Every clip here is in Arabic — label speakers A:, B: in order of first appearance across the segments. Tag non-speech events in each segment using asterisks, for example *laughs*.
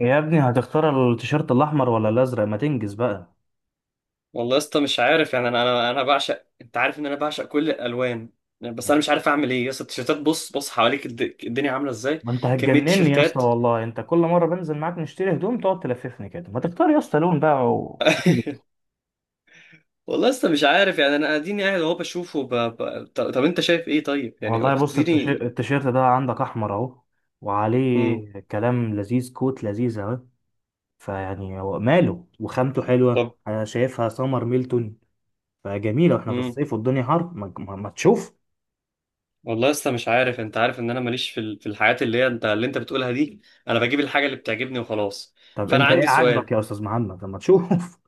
A: يا ابني، هتختار التيشيرت الاحمر ولا الازرق؟ ما تنجز بقى؟
B: والله يا اسطى مش عارف يعني انا بعشق، انت عارف ان انا بعشق كل الالوان. يعني بس انا مش عارف اعمل ايه يا اسطى التيشيرتات. بص بص حواليك الدنيا عامله ازاي.
A: ما انت
B: كميه
A: هتجنني يا اسطى،
B: تيشيرتات
A: والله انت كل مره بنزل معاك نشتري هدوم تقعد تلففني كده. ما تختار يا اسطى لون بقى
B: *laughs* والله لسه مش عارف يعني، انا اديني قاعد اهو بشوفه طب انت شايف ايه، طيب يعني
A: والله،
B: كنت
A: بص
B: اديني.
A: التيشيرت ده عندك احمر اهو،
B: امم.
A: وعليه كلام لذيذ، كوت لذيذ اهو. فيعني هو ماله وخامته حلوه،
B: طب.
A: انا شايفها سمر ميلتون، فجميله واحنا في
B: امم.
A: الصيف والدنيا حر، ما تشوف.
B: والله لسه مش عارف. انت عارف ان انا ماليش في الحاجات اللي هي انت اللي انت بتقولها دي. انا بجيب الحاجه اللي بتعجبني وخلاص.
A: طب
B: فانا
A: انت ايه
B: عندي
A: عاجبك
B: سؤال.
A: يا استاذ محمد لما تشوف؟ *laughs*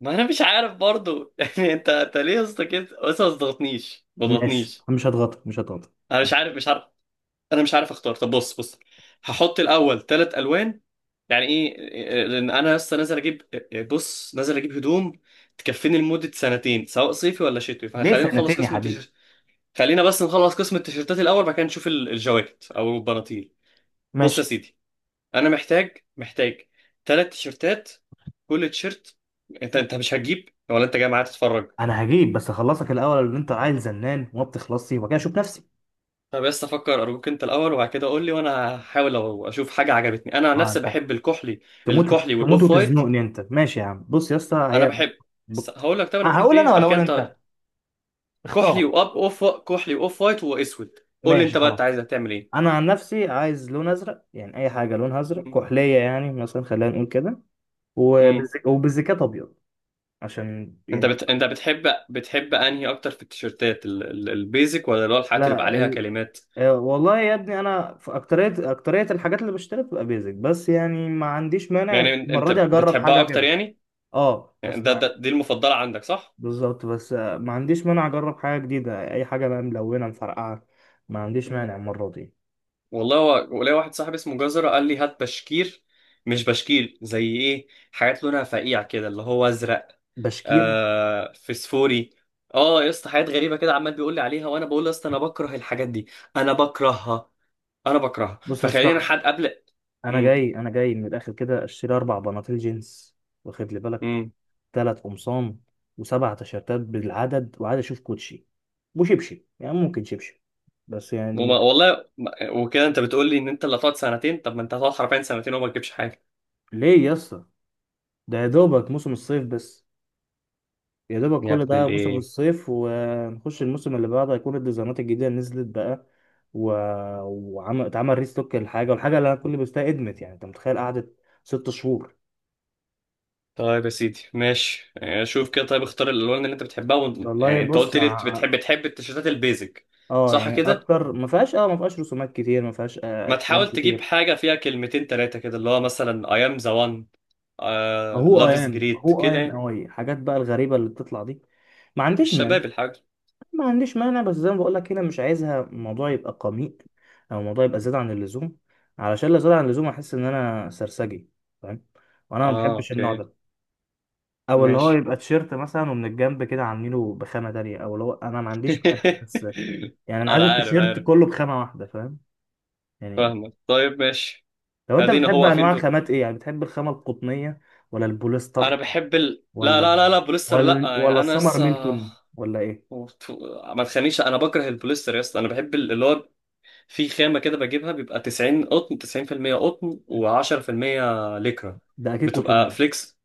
B: ما انا مش عارف برضو *laughs* يعني انت ليه يا اسطى كده؟ بس ما تضغطنيش ما
A: ماشي،
B: تضغطنيش.
A: مش هتغطي مش هتغطي.
B: انا مش عارف مش عارف. انا مش عارف اختار. طب بص بص، هحط الاول ثلاث الوان. يعني ايه إيه؟ لان انا لسه نازل اجيب إيه، بص، نازل اجيب هدوم تكفيني لمده سنتين، سواء صيفي ولا شتوي.
A: ليه
B: فخلينا نخلص
A: سنتين يا
B: قسم
A: حبيبي؟
B: التيشيرت. خلينا بس نخلص قسم التيشيرتات الاول، بعد كده نشوف الجواكت او البناطيل. بص يا
A: ماشي،
B: سيدي، انا محتاج محتاج ثلاث تيشيرتات. كل تيشيرت. انت مش هتجيب ولا انت جاي معايا تتفرج؟
A: انا هجيب بس اخلصك الاول، اللي انت عيل زنان وما بتخلصي، وبعد كده اشوف نفسي.
B: طب بس افكر ارجوك، انت الاول وبعد كده قول لي وانا هحاول لو اشوف حاجه عجبتني. انا عن
A: اه،
B: نفسي
A: انت
B: بحب الكحلي.
A: تموت.
B: الكحلي
A: تموت
B: والاوف وايت.
A: وتزنقني انت، ماشي يا عم. بص يا اسطى،
B: انا
A: هي
B: بحب
A: ب-
B: هقول لك، طب انا بحب
A: هقول
B: ايه
A: انا ولا
B: بعد
A: اقول
B: كده انت.
A: انت؟ اختار.
B: كحلي كحلي واوف وايت واسود. قول لي
A: ماشي
B: انت بقى، انت عايز
A: خلاص.
B: تعمل ايه؟
A: انا عن نفسي عايز لون ازرق، يعني اي حاجه لونها ازرق
B: مم.
A: كحليه، يعني مثلا خلينا نقول كده،
B: مم.
A: وبالزكات ابيض، عشان يعني
B: انت بتحب انهي اكتر في التيشيرتات البيزك، ولا اللي هو الحاجات اللي بيبقى
A: لا
B: عليها كلمات؟
A: والله يا ابني، انا في اكتريه الحاجات اللي بشتريها بتبقى بيزك، بس يعني ما عنديش مانع
B: يعني انت
A: المره دي اجرب
B: بتحبها
A: حاجه
B: اكتر،
A: كده.
B: يعني,
A: اه،
B: يعني ده,
A: بسمع.
B: ده دي المفضله عندك، صح؟
A: بالظبط، بس ما عنديش مانع اجرب حاجه جديده، اي حاجه بقى ملونه مفرقعه، ما عنديش
B: مم.
A: مانع المره دي.
B: والله هو ولاقي واحد صاحبي اسمه جزرة قال لي هات بشكير، مش بشكير زي ايه، حاجات لونها فقيع كده اللي هو ازرق.
A: بشكير.
B: آه، فسفوري. اه يا اسطى، حاجات غريبة كده عمال بيقول لي عليها، وانا بقول له يا اسطى انا بكره الحاجات دي. انا بكرهها انا بكرهها
A: بص يا
B: فخلينا
A: اسطى،
B: حد قبل.
A: انا
B: امم.
A: جاي، انا جاي من الاخر كده اشتري اربع بناطيل جينز، واخد لي بالك،
B: امم.
A: ثلاث قمصان وسبع تيشيرتات بالعدد، وعايز اشوف كوتشي وشبشب، يعني ممكن شبشب بس يعني.
B: وما- والله ما- وكده انت بتقول لي ان انت اللي هتقعد سنتين، طب ما انت هتقعد حرفيا سنتين وما تجيبش حاجة؟
A: ليه يا اسطى؟ ده يا دوبك موسم الصيف بس، يا دوبك
B: يا
A: كل
B: ابن
A: ده موسم
B: الايه.
A: الصيف، ونخش الموسم اللي بعده هيكون الديزاينات الجديدة نزلت بقى و... وعمل اتعمل ريستوك الحاجة، والحاجة اللي انا كل بستها ادمت، يعني انت متخيل قعدت 6 شهور.
B: طيب يا سيدي، ماشي. آه، شوف كده، طيب اختار الالوان اللي انت بتحبها
A: والله،
B: يعني انت
A: بص
B: قلت لي بتحب تحب التيشيرتات البيزك،
A: اه،
B: صح
A: يعني
B: كده؟
A: اكتر ما فيهاش، اه ما فيهاش رسومات كتير، ما فيهاش
B: ما
A: كلام
B: تحاول تجيب
A: كتير.
B: حاجه فيها كلمتين ثلاثه كده، اللي هو مثلا I am the one، آه...
A: هو
B: love
A: اي
B: is
A: ام،
B: great
A: هو اي
B: كده
A: ام،
B: يعني.
A: اي حاجات بقى الغريبة اللي بتطلع دي، ما عنديش مانع،
B: الشباب الحاج.
A: ما عنديش مانع، بس زي ما بقول لك، هنا مش عايزها الموضوع يبقى قميء، او الموضوع يبقى زيادة عن اللزوم، علشان لو زاد عن اللزوم احس ان انا سرسجي، فاهم؟ وانا ما
B: اه،
A: بحبش النوع
B: اوكي،
A: ده، او اللي هو
B: ماشي
A: يبقى تيشيرت مثلا ومن الجنب كده عاملينه بخامة تانية، او اللي هو انا ما عنديش مانع
B: *laughs*
A: بس، يعني انا عايز
B: انا عارف
A: التيشيرت
B: عارف،
A: كله بخامة واحدة، فاهم؟ يعني
B: فاهمك، طيب ماشي.
A: لو انت
B: ادينا
A: بتحب
B: هو
A: انواع
B: واقفين في.
A: الخامات، ايه يعني بتحب الخامة القطنية ولا
B: انا
A: البوليستر،
B: بحب لا لا
A: ولا
B: لا لا، بوليستر
A: ولا
B: لا،
A: ولا
B: يعني انا
A: السمر
B: لسه.
A: ميلتون، ولا ايه؟
B: ما تخنيش، انا بكره البوليستر يا اسطى. انا بحب اللي هو في خامة كده بجيبها بيبقى 90 قطن، 90% قطن و10% ليكرا،
A: ده اكيد
B: بتبقى
A: قطنية.
B: فليكس،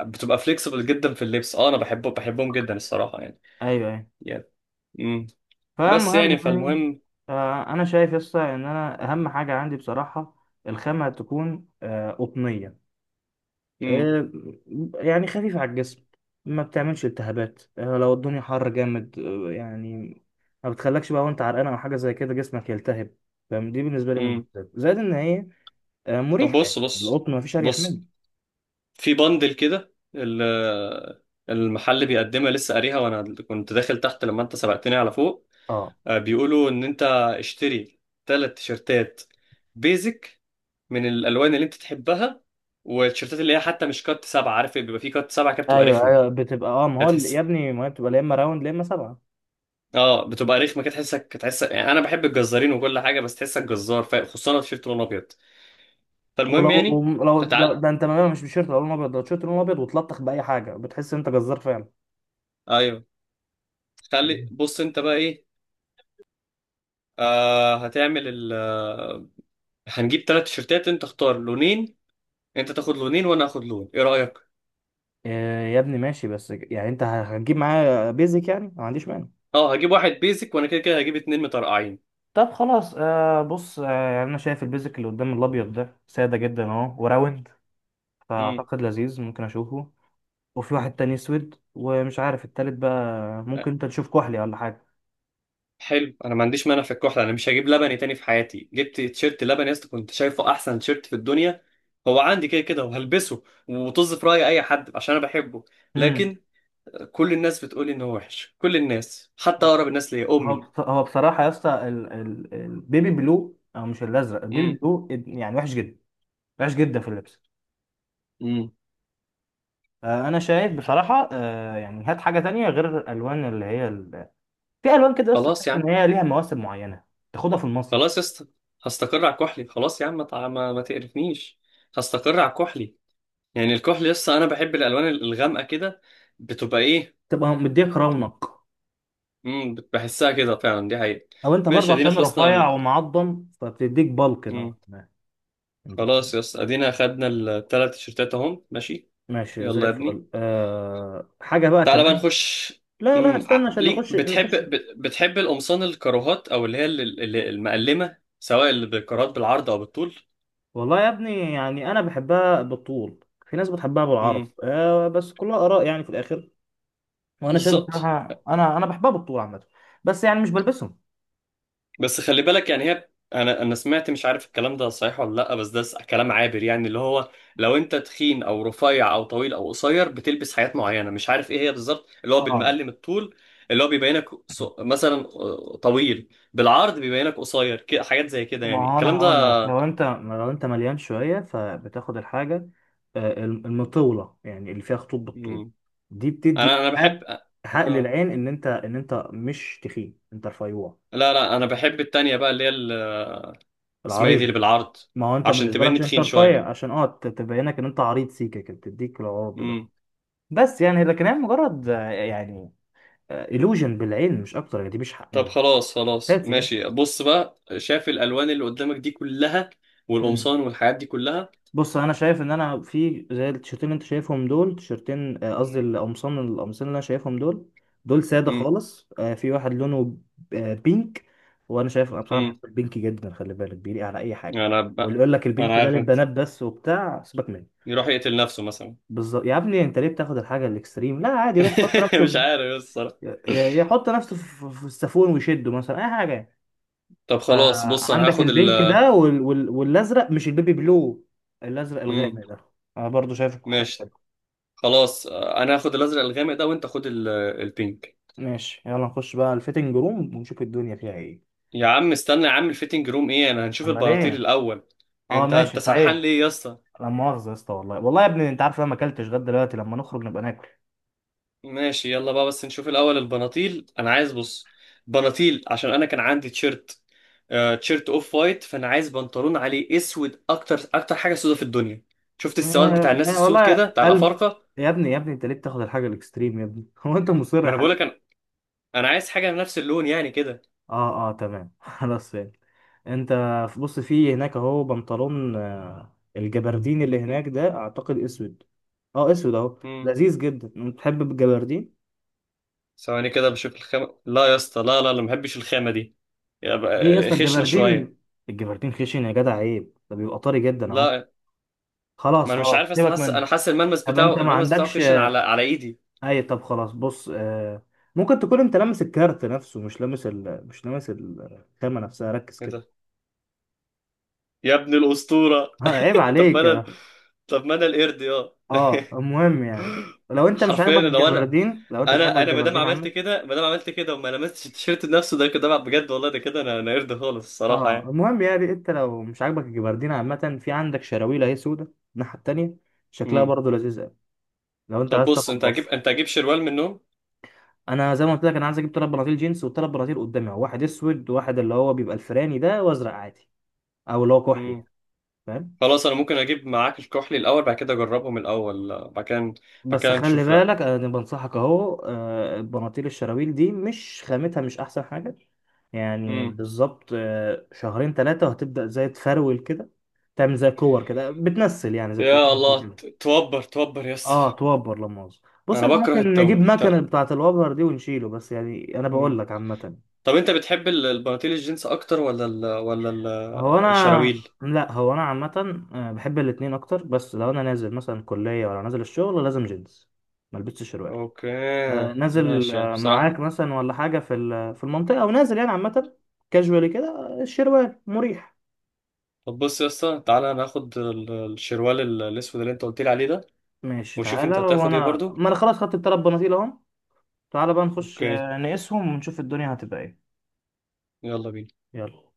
B: بتبقى فليكسبل جدا في اللبس. اه، انا بحبه بحبهم جدا الصراحة، يعني.
A: ايوه،
B: يعني. امم. بس يعني
A: فالمهم يعني،
B: فالمهم.
A: انا شايف يسطا ان انا اهم حاجه عندي بصراحه الخامه تكون قطنيه،
B: امم.
A: آه، يعني خفيفه على الجسم، ما بتعملش التهابات، لو الدنيا حر جامد، يعني ما بتخلكش بقى وانت عرقان او حاجه زي كده جسمك يلتهب، فاهم؟ دي بالنسبه لي
B: امم.
A: ممتاز، زائد ان هي
B: طب
A: مريحه، يعني
B: بص بص
A: القطن ما فيش اريح منه.
B: بص. في بندل كده المحل بيقدمها لسه قاريها وانا كنت داخل تحت لما انت سبقتني على فوق.
A: اه.
B: آه، بيقولوا ان انت اشتري ثلاث تيشرتات بيزك من الالوان اللي انت تحبها. والتيشيرتات اللي هي حتى مش كات سبعة، عارف بيبقى في كات سبعة كده، بتبقى
A: ايوه
B: رخمة
A: ايوه بتبقى، ما
B: كده
A: هو يا
B: تحس.
A: ابني، ما هي بتبقى لا اما راوند لا اما سبعه.
B: اه، بتبقى رخمة كده تحس، يعني انا بحب الجزارين وكل حاجة، بس تحسك جزار، خصوصا لو تيشيرت لونه ابيض. فالمهم يعني.
A: لو
B: تعال.
A: ده، انت مش بشيرت القلم الابيض ده، تيشيرت القلم الابيض وتلطخ باي حاجه بتحس ان انت جزار فعلا.
B: ايوه. خلي
A: مم.
B: بص انت بقى ايه، آه، هتعمل ال آه، هنجيب ثلاث تيشيرتات، انت اختار لونين. انت تاخد لونين وانا اخد لون، ايه رأيك؟
A: يا ابني ماشي، بس يعني انت هتجيب معايا بيزك، يعني ما عنديش مانع.
B: اه، هجيب واحد بيزك، وانا كده كده هجيب اتنين مترقعين.
A: طب خلاص، بص، يعني انا شايف البيزك اللي قدام الابيض ده ساده جدا اهو وراوند،
B: امم.
A: فاعتقد لذيذ، ممكن اشوفه، وفي واحد تاني اسود، ومش عارف التالت بقى، ممكن انت تشوف كحلي ولا حاجه.
B: حلو، انا ما عنديش مانع في الكحل. انا مش هجيب لبني تاني في حياتي. جبت تيشيرت لبني يا اسطى كنت شايفه احسن تيشيرت في الدنيا. هو عندي كده كده وهلبسه، وطز في راي اي حد عشان انا بحبه.
A: امم.
B: لكن كل الناس بتقولي ان هو وحش، كل الناس حتى اقرب الناس ليا امي.
A: هو بصراحه يا اسطى البيبي بلو، او مش الازرق، البيبي
B: امم.
A: بلو يعني وحش جدا، وحش جدا في اللبس.
B: امم.
A: انا شايف بصراحه، يعني هات حاجه تانية غير الالوان اللي هي في الوان كده بس تحس
B: خلاص يا عم.
A: ان هي ليها مواسم معينه، تاخدها في المصيف،
B: خلاص يا اسطى، هستقر على كحلي. خلاص يا عم، ما تع- ما ما تقرفنيش. هستقر على كحلي. يعني الكحل يا اسطى، انا بحب الالوان الغامقه كده، بتبقى ايه.
A: تبقى مديك رونق،
B: امم، بحسها كده فعلا، دي حقيقة.
A: او انت برضه
B: ماشي، ادينا
A: عشان
B: خلصنا
A: رفيع ومعضم فبتديك بلك نوعا
B: مم.
A: ما، انت فاهم؟
B: خلاص يا اسطى ادينا خدنا الثلاث تيشيرتات اهم، ماشي.
A: ماشي زي
B: يلا يا ابني،
A: الفل. حاجه بقى
B: تعالى بقى
A: كمان.
B: نخش.
A: لا لا،
B: امم.
A: استنى عشان
B: ليك،
A: نخش
B: بتحب
A: نخش.
B: بت- بتحب القمصان الكاروهات، او اللي هي المقلمه، سواء اللي بالكارات بالعرض او بالطول.
A: والله يا ابني، يعني انا بحبها بالطول، في ناس بتحبها بالعرض،
B: امم.
A: بس كلها اراء يعني في الاخر، وانا شايف
B: بالظبط.
A: بصراحه انا بحبها بالطول عامه، بس يعني مش بلبسهم.
B: بس خلي بالك يعني هي، انا انا سمعت مش عارف الكلام ده صحيح ولا لا، بس ده كلام عابر يعني، اللي هو لو انت تخين او رفيع او طويل او قصير بتلبس حاجات معينه، مش عارف ايه هي بالظبط، اللي هو
A: اه
B: بالمقلم الطول اللي هو بيبينك، مثلا، آه، طويل بالعرض بيبينك قصير كده، حاجات زي كده، يعني
A: ما هو انا
B: الكلام ده.
A: هقول لك، لو انت مليان شويه فبتاخد الحاجه المطوله، يعني اللي فيها خطوط بالطول،
B: مم.
A: دي
B: انا
A: بتدي
B: انا بحب،
A: حق، حق
B: اه،
A: للعين ان انت مش تخين، انت رفيوع.
B: لا لا، انا بحب التانية بقى، اللي هي اسمها ايه دي اللي
A: العريض.
B: بالعرض،
A: ما هو انت
B: عشان
A: بالنسبه لك
B: تبيني
A: عشان انت
B: تخين شويه.
A: رفيع، عشان تبينك ان انت عريض سيكه كده بتديك العرض ده. بس يعني لكن هي مجرد يعني illusion بالعين، مش اكتر، يعني دي مش حق
B: طب
A: مش
B: خلاص خلاص
A: اساسي
B: ماشي، بص بقى، شاف الالوان اللي قدامك دي كلها،
A: يعني.
B: والقمصان والحاجات دي كلها.
A: بص، انا شايف ان انا في زي التيشيرتين اللي انت شايفهم دول، تيشيرتين قصدي
B: مم.
A: القمصان، القمصان اللي انا شايفهم دول، دول ساده
B: مم.
A: خالص. في واحد لونه بينك، وانا شايف انا بصراحه بحب
B: مم.
A: البينك جدا، خلي بالك بيليق على اي حاجه.
B: انا
A: واللي
B: بقى.
A: يقول لك
B: انا
A: البينك ده
B: عارف انت،
A: للبنات بس وبتاع، سيبك منه.
B: يروح يقتل نفسه مثلا
A: بالظبط يا ابني، انت ليه بتاخد الحاجه الاكستريم؟ لا عادي، يروح
B: *laughs* مش عارف بس الصراحه.
A: يحط نفسه في في السافون ويشده مثلا، اي حاجه يعني.
B: طب خلاص بص، انا
A: فعندك
B: هاخد
A: البينك ده والازرق مش البيبي بلو، الازرق
B: مم.
A: الغامق ده، انا برضو شايفه حلو كده.
B: ماشي خلاص، آه، انا هاخد الازرق الغامق ده، وانت خد البينك.
A: ماشي، يلا نخش بقى الفيتنج روم ونشوف الدنيا فيها ايه.
B: يا عم استنى يا عم، الفيتنج روم ايه؟ انا هنشوف
A: امال
B: البناطيل
A: ايه؟
B: الاول.
A: اه،
B: انت
A: ماشي
B: انت سرحان
A: صحيح.
B: ليه يا اسطى؟
A: لا مؤاخذه يا اسطى، والله والله يا ابني، انت عارف انا ما اكلتش غدا، دلوقتي لما نخرج نبقى ناكل.
B: ماشي، يلا بقى بس نشوف الاول البناطيل. انا عايز، بص، بناطيل عشان انا كان عندي تيشيرت، آه تيشيرت اوف وايت، فانا عايز بنطلون عليه اسود، اكتر اكتر حاجه سودة في الدنيا، شفت السواد بتاع الناس
A: يا
B: السود
A: والله
B: كده بتاع
A: قلب،
B: الافارقه.
A: يا ابني يا ابني انت ليه بتاخد الحاجه الاكستريم يا ابني؟ *laughs* هو انت مصر
B: ما
A: يا!
B: انا بقولك انا، انا عايز حاجه نفس اللون يعني كده.
A: اه اه تمام. *laughs* خلاص فهمت. انت، بص في هناك اهو بنطلون، الجبردين اللي
B: م-
A: هناك ده اعتقد اسود، اه اسود اهو
B: م.
A: لذيذ جدا، انت تحب الجبردين؟
B: ثواني كده بشوف الخامه. لا يا اسطى، لا لا لا، ما بحبش الخامه دي،
A: ليه يا
B: يبقى
A: اسطى
B: خشنه
A: الجبردين؟
B: شويه.
A: الجبردين خشن يا جدع، عيب، ده بيبقى طري جدا اهو.
B: لا، ما
A: خلاص
B: انا مش
A: خلاص،
B: عارف اصلا،
A: سيبك
B: حاسس، انا
A: منه.
B: حاسس الملمس
A: طب انت
B: بتاعه،
A: ما
B: الملمس بتاعه
A: عندكش
B: خشن على على ايدي
A: اي، طب خلاص بص، ممكن تكون انت لامس الكارت نفسه، مش لامس الخامة نفسها، ركز كده.
B: كده. يا ابن الاسطوره.
A: ها، عيب
B: طب ما
A: عليك.
B: انا طب ما انا القرد يا
A: اه،
B: *laughs*
A: المهم يعني، لو انت مش
B: حرفيا
A: عاجبك
B: لو انا،
A: الجبردين،
B: انا ما دام عملت
A: عامة.
B: كده، ما دام عملت كده وما لمستش التيشيرت نفسه، ده كده بقى بجد والله، ده كده انا قرد خالص الصراحه
A: اه،
B: يعني.
A: المهم يعني، انت لو مش عاجبك الجبردين عامة، في عندك شراويل اهي سودة الناحية التانية، شكلها
B: امم.
A: برضه لذيذ قوي، لو انت
B: طب
A: عايز
B: بص،
A: تاخد
B: انت هجيب،
A: بص.
B: انت هجيب شروال من النوم.
A: انا زي ما قلت لك، انا عايز اجيب تلات بناطيل جينز وتلات بناطيل قدامي اهو، واحد اسود وواحد اللي هو بيبقى الفراني ده، وازرق عادي، او اللي هو كحلي
B: امم.
A: يعني، فاهم؟
B: خلاص، انا ممكن اجيب معاك الكحلي الاول، بعد كده اجربهم الاول، بعد كده. بعد
A: بس
B: كده
A: خلي
B: نشوف ده.
A: بالك، انا بنصحك اهو، البناطيل الشراويل دي مش خامتها مش احسن حاجه، يعني
B: امم.
A: بالظبط شهرين ثلاثه وهتبدا زي تفرول كده، تعمل زي كور كده، بتنسل يعني زي بتقول
B: يا الله،
A: كده.
B: توبر توبر يس.
A: اه توبر، لما مؤاخذة. بص
B: انا
A: احنا
B: بكره
A: ممكن نجيب
B: التوب
A: مكنه بتاعه الوبر دي ونشيله، بس يعني انا بقول
B: مم.
A: لك عامه.
B: طب انت بتحب البناطيل الجينز اكتر، ولا
A: هو انا
B: الشراويل؟
A: لا، هو انا عامه، بحب الاتنين اكتر، بس لو انا نازل مثلا كليه ولا نازل الشغل لازم جينز، ملبسش شروال،
B: اوكي،
A: نازل
B: ماشي يعني بصراحة.
A: معاك مثلا ولا حاجة في المنطقة، أو نازل يعني عامة، كاجوالي كده، الشروال مريح.
B: طب بص يا اسطى، تعالى ناخد الشروال الاسود اللي انت قلت لي عليه ده.
A: ماشي
B: وشوف
A: تعالى،
B: انت هتاخد ايه
A: وأنا
B: برضو.
A: ما أنا خلاص خدت التلات بناطيل أهم. تعالى بقى نخش
B: اوكي.
A: نقيسهم ونشوف الدنيا هتبقى إيه.
B: يلا بينا.
A: يلا.